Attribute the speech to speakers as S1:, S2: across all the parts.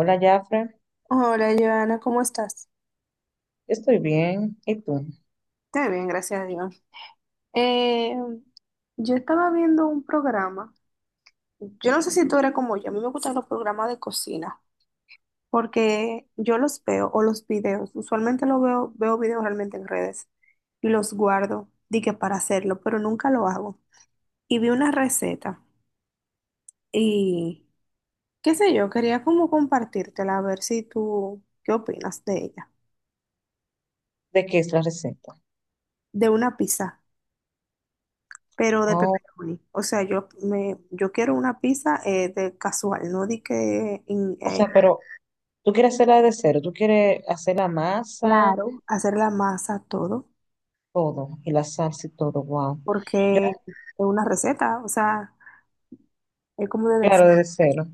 S1: Hola, Jafre.
S2: Hola, Joana, ¿cómo estás?
S1: Estoy bien. ¿Y tú?
S2: Estoy bien, gracias a Dios. Eh, yo estaba viendo un programa. Yo no sé si tú eres como yo. A mí me gustan los programas de cocina porque yo los veo o los videos. Usualmente los veo videos realmente en redes y los guardo, di que para hacerlo, pero nunca lo hago. Y vi una receta y qué sé yo, quería como compartírtela a ver si tú, ¿qué opinas de ella?
S1: ¿De qué es la receta?
S2: De una pizza, pero de
S1: Oh,
S2: pepperoni. O sea, yo quiero una pizza de casual, no di que
S1: o sea, pero tú quieres hacerla de cero, tú quieres hacer la masa,
S2: claro, hacer la masa todo,
S1: todo, y la salsa y todo, wow. Yo,
S2: porque es una receta, o sea, es como de
S1: claro,
S2: decir.
S1: de cero.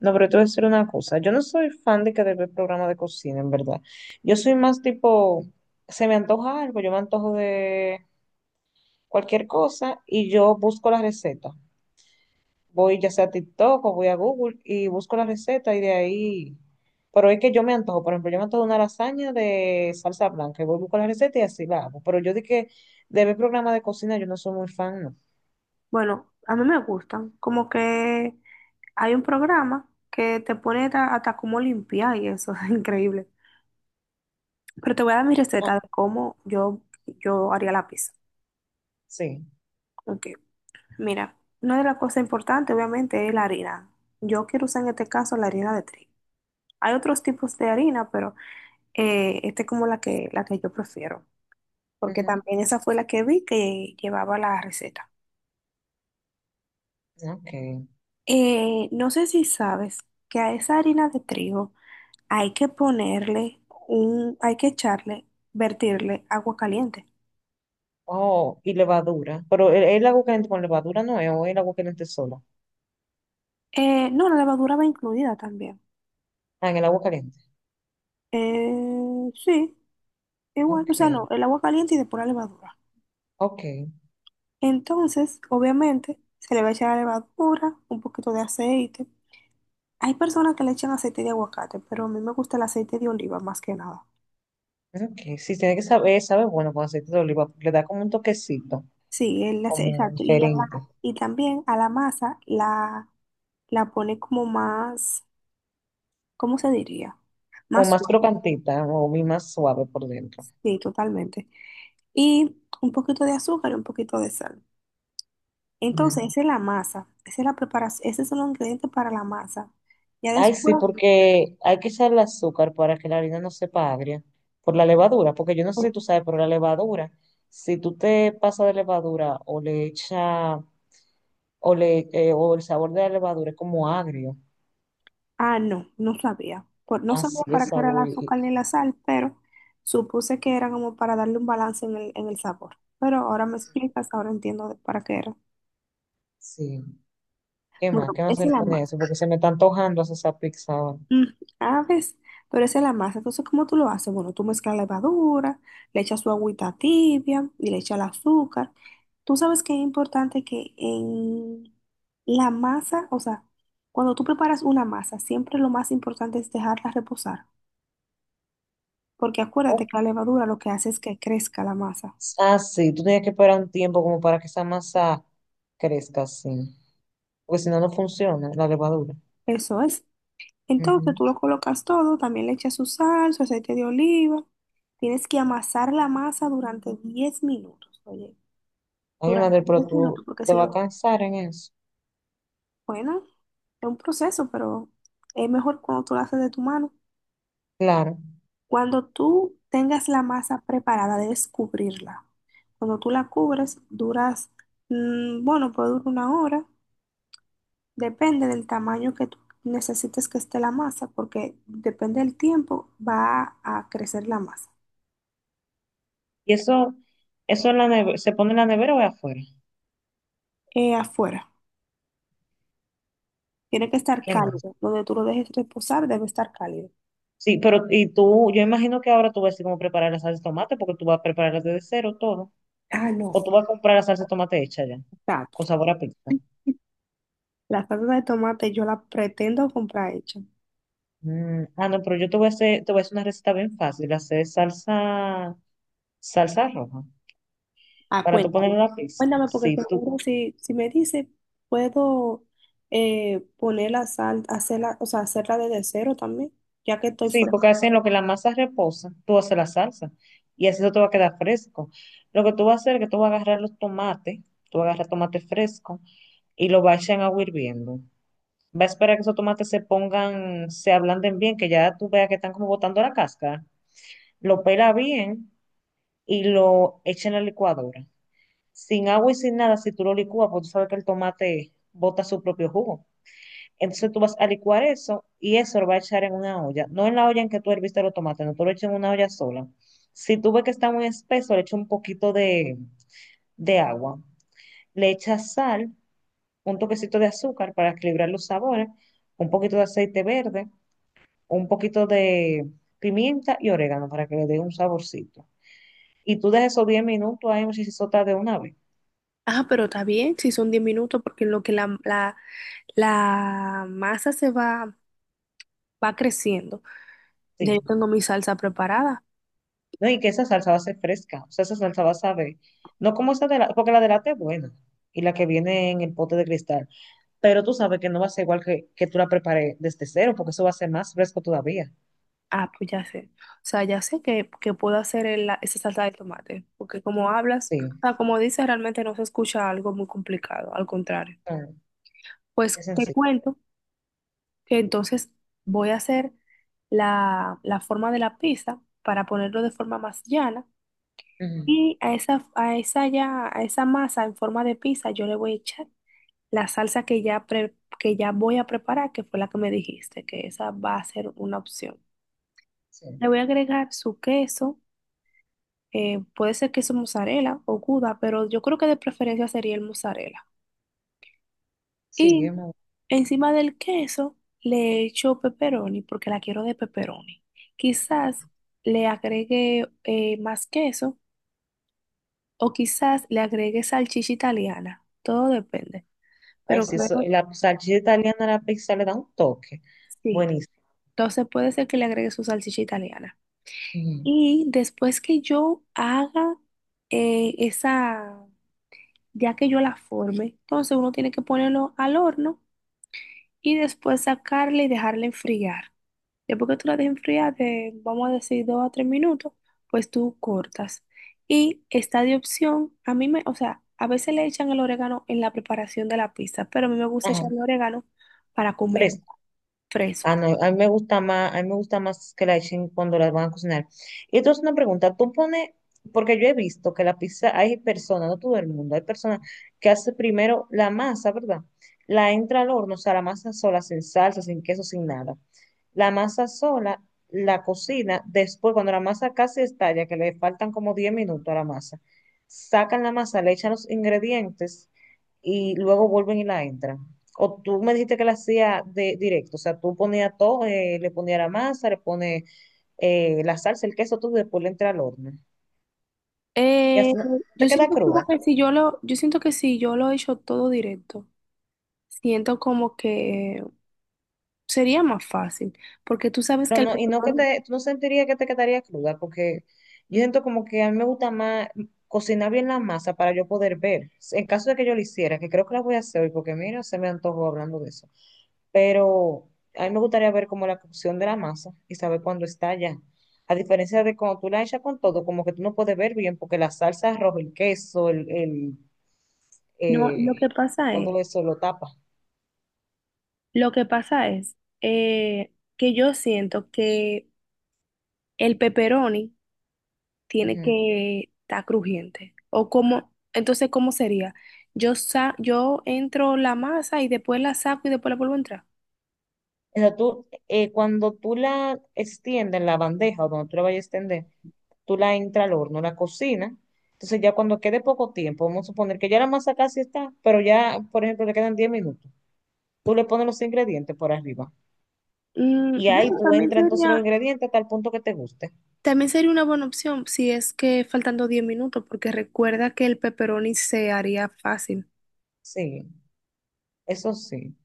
S1: No, pero te voy a decir una cosa. Yo no soy fan de que de ver programa de cocina, en verdad. Yo soy más tipo, se me antoja algo, yo me antojo de cualquier cosa y yo busco la receta. Voy ya sea a TikTok o voy a Google y busco la receta y de ahí, pero es que yo me antojo, por ejemplo, yo me antojo una lasaña de salsa blanca y voy a buscar la receta y así la hago, pero yo di que de ver programa de cocina yo no soy muy fan, no.
S2: Bueno, a mí me gustan, como que hay un programa que te pone hasta cómo limpiar y eso es increíble. Pero te voy a dar mi receta
S1: Oh,
S2: de cómo yo haría la pizza.
S1: sí.
S2: Ok, mira, una de las cosas importantes obviamente es la harina. Yo quiero usar en este caso la harina de trigo. Hay otros tipos de harina, pero esta es como la que yo prefiero, porque
S1: Ujú.
S2: también esa fue la que vi que llevaba la receta.
S1: Ok.
S2: No sé si sabes que a esa harina de trigo hay que hay que echarle, vertirle agua caliente.
S1: Oh, y levadura, pero el agua caliente con levadura no es, o el agua caliente sola.
S2: No, la levadura va incluida también.
S1: Ah, en el agua caliente.
S2: Sí, igual,
S1: Ok,
S2: o sea, no, el agua caliente y después la levadura.
S1: ok,
S2: Entonces, obviamente, se le va a echar la levadura, un poquito de aceite. Hay personas que le echan aceite de aguacate, pero a mí me gusta el aceite de oliva más que nada.
S1: ok. Sí, tiene que saber, sabe bueno con aceite de oliva, porque le da como un toquecito,
S2: Sí,
S1: como
S2: exacto. Y,
S1: diferente.
S2: y también a la pone como más, ¿cómo se diría?
S1: ¿O
S2: Más
S1: más
S2: suave.
S1: crocantita? ¿No? O bien más suave por dentro.
S2: Sí, totalmente. Y un poquito de azúcar y un poquito de sal. Entonces,
S1: Mm.
S2: esa es la masa. Esa es la preparación. Ese son los ingredientes para la masa. Ya
S1: Ay, sí,
S2: después,
S1: porque hay que echarle azúcar para que la harina no sepa agria por la levadura, porque yo no sé si tú sabes, pero la levadura, si tú te pasas de levadura o le echa o le o el sabor de la levadura es como agrio,
S2: ah, no, no sabía. Por, no sabía
S1: así
S2: para
S1: es
S2: qué era el
S1: agrio
S2: azúcar ni la sal, pero supuse que era como para darle un balance en en el sabor. Pero ahora me explicas, ahora entiendo de para qué era.
S1: sí. ¿Qué
S2: Bueno,
S1: más? ¿Qué más
S2: esa
S1: se
S2: es
S1: le
S2: la
S1: pone a
S2: masa.
S1: eso? Porque se me está antojando hacer esa pizza ahora.
S2: Mm, ah, ves, pero esa es la masa. Entonces, ¿cómo tú lo haces? Bueno, tú mezclas la levadura, le echas su agüita tibia y le echas el azúcar. Tú sabes que es importante que en la masa, o sea, cuando tú preparas una masa, siempre lo más importante es dejarla reposar. Porque acuérdate
S1: Oh.
S2: que la levadura lo que hace es que crezca la masa.
S1: Ah, sí, tú tienes que esperar un tiempo como para que esa masa crezca así, porque si no, no funciona la levadura.
S2: Eso es. Entonces
S1: Ujú.
S2: tú lo colocas todo, también le echas su sal, su aceite de oliva. Tienes que amasar la masa durante 10 minutos, oye,
S1: Ay, mi
S2: durante
S1: madre, pero
S2: 10 minutos,
S1: tú
S2: porque
S1: te
S2: si
S1: vas a
S2: lo,
S1: cansar en eso.
S2: bueno, es un proceso, pero es mejor cuando tú lo haces de tu mano.
S1: Claro.
S2: Cuando tú tengas la masa preparada, debes cubrirla. Cuando tú la cubres, bueno, puede durar una hora. Depende del tamaño que tú necesites que esté la masa, porque depende del tiempo va a crecer la masa.
S1: Y eso en la neve- se pone en la nevera o es afuera.
S2: Afuera, tiene que estar
S1: ¿Qué más?
S2: cálido. Donde tú lo dejes reposar debe estar cálido.
S1: Sí, pero y tú, yo imagino que ahora tú vas a decir cómo preparar la salsa de tomate, porque tú vas a prepararla desde cero todo.
S2: Ah, no,
S1: O tú vas a comprar la salsa de tomate hecha ya,
S2: exacto.
S1: con sabor a pizza.
S2: La salsa de tomate yo la pretendo comprar hecha.
S1: Mm, ah, no, pero yo te voy a hacer una receta bien fácil, hacer salsa, salsa roja.
S2: Ah,
S1: Para tú poner
S2: cuéntame.
S1: una pizza.
S2: Cuéntame porque
S1: Sí,
S2: seguro si, si me dice, puedo poner la sal, hacerla, o sea, hacerla desde cero también, ya que estoy
S1: sí,
S2: fuera.
S1: porque así en lo que la masa reposa, tú haces la salsa y así eso te va a quedar fresco. Lo que tú vas a hacer es que tú vas a agarrar los tomates, tú vas a agarrar tomate fresco y lo vas a echar en agua hirviendo. Va a esperar que esos tomates se pongan, se ablanden bien, que ya tú veas que están como botando la cáscara. Lo pela bien y lo echa en la licuadora. Sin agua y sin nada, si tú lo licúas, pues tú sabes que el tomate bota su propio jugo. Entonces tú vas a licuar eso y eso lo vas a echar en una olla. No en la olla en que tú herviste los tomates, no, tú lo echas en una olla sola. Si tú ves que está muy espeso, le echas un poquito de agua. Le echas sal, un toquecito de azúcar para equilibrar los sabores, un poquito de aceite verde, un poquito de pimienta y orégano para que le dé un saborcito. Y tú dejas esos 10 minutos ahí, muchachos, de una vez.
S2: Ah, pero está bien, si son 10 minutos, porque en lo que la La masa va creciendo. Ya
S1: Sí.
S2: yo tengo mi salsa preparada.
S1: No, y que esa salsa va a ser fresca. O sea, esa salsa va a saber. No como esa de la, porque la de lata es buena. Y la que viene en el pote de cristal. Pero tú sabes que no va a ser igual que tú la prepares desde cero, porque eso va a ser más fresco todavía.
S2: Ah, pues ya sé. O sea, ya sé que puedo hacer esa salsa de tomate. Porque como hablas, o
S1: Sí.
S2: sea, como dices, realmente no se escucha algo muy complicado. Al contrario.
S1: Ah,
S2: Pues
S1: es
S2: te
S1: sencillo.
S2: cuento que entonces voy a hacer la forma de la pizza para ponerlo de forma más llana.
S1: Ujú.
S2: Y a esa masa en forma de pizza yo le voy a echar la salsa que ya voy a preparar, que fue la que me dijiste, que esa va a ser una opción. Le
S1: Sí.
S2: voy a agregar su queso, puede ser queso mozzarella o gouda, pero yo creo que de preferencia sería el mozzarella.
S1: Sí,
S2: Y
S1: es muy...
S2: encima del queso le echo pepperoni porque la quiero de pepperoni. Quizás le agregue más queso o quizás le agregue salchicha italiana, todo depende,
S1: Ay,
S2: pero
S1: sí,
S2: creo
S1: eso,
S2: que
S1: la salchicha italiana a la pizza le da un toque.
S2: sí.
S1: Buenísimo.
S2: Entonces puede ser que le agregue su salchicha italiana.
S1: Ujú.
S2: Y después que yo haga eh, esa, ya que yo la forme, entonces uno tiene que ponerlo al horno y después sacarla y dejarla enfriar. Después que tú la dejes enfriar de, vamos a decir, 2 a 3 minutos, pues tú cortas. Y está de opción, o sea, a veces le echan el orégano en la preparación de la pizza, pero a mí me gusta
S1: Ajá.
S2: echarle orégano para comer
S1: Fresco. Ah,
S2: fresco.
S1: no, a mí me gusta más que la echen cuando las van a cocinar. Y entonces una pregunta, porque yo he visto que la pizza, hay personas, no todo el mundo, hay personas que hace primero la masa, ¿verdad? La entra al horno, o sea, la masa sola, sin salsa, sin queso, sin nada, la masa sola, la cocina, después cuando la masa casi estalla, que le faltan como 10 minutos a la masa, sacan la masa, le echan los ingredientes y luego vuelven y la entran. O tú me dijiste que la hacía de directo, o sea, tú ponías todo, le ponías la masa, le pones la salsa, el queso, todo y después le entra al horno. Y
S2: Eh,
S1: así no-
S2: yo
S1: te queda
S2: siento como
S1: cruda.
S2: que si yo lo, yo siento que si yo lo echo todo directo siento como que sería más fácil, porque tú sabes
S1: Pero
S2: que el
S1: no,
S2: control,
S1: tú no sentirías que te quedaría cruda, porque yo siento como que a mí me gusta más cocinar bien la masa para yo poder ver. En caso de que yo lo hiciera, que creo que la voy a hacer hoy, porque mira, se me antojó hablando de eso. Pero a mí me gustaría ver como la cocción de la masa y saber cuándo está ya. A diferencia de cuando tú la echas con todo, como que tú no puedes ver bien, porque la salsa roja, el queso,
S2: no,
S1: eh, todo eso lo tapa.
S2: lo que pasa es que yo siento que el pepperoni tiene
S1: Ujú.
S2: que estar crujiente, o como, entonces, ¿cómo sería? Yo entro la masa y después la saco y después la vuelvo a entrar.
S1: O sea, cuando tú la extiendes en la bandeja o donde tú la vayas a extender, tú la entras al horno, la cocinas. Entonces ya cuando quede poco tiempo, vamos a suponer que ya la masa casi está, pero ya, por ejemplo, le quedan 10 minutos. Tú le pones los ingredientes por arriba. Y ahí
S2: Bueno,
S1: tú entras entonces los ingredientes hasta el punto que te guste.
S2: también sería una buena opción si es que faltando 10 minutos, porque recuerda que el pepperoni se haría fácil.
S1: Sí, eso sí.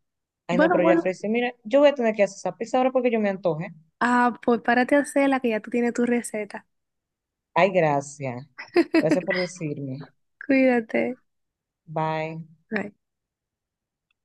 S1: Ay, no,
S2: Bueno,
S1: pero ya
S2: bueno.
S1: ofrecí, mira, yo voy a tener que hacer esa pizza ahora porque yo me antoje.
S2: Ah, pues párate a hacerla que ya tú tienes tu receta.
S1: Ay, gracias. Gracias por decirme.
S2: Cuídate.
S1: Bye.
S2: Bye.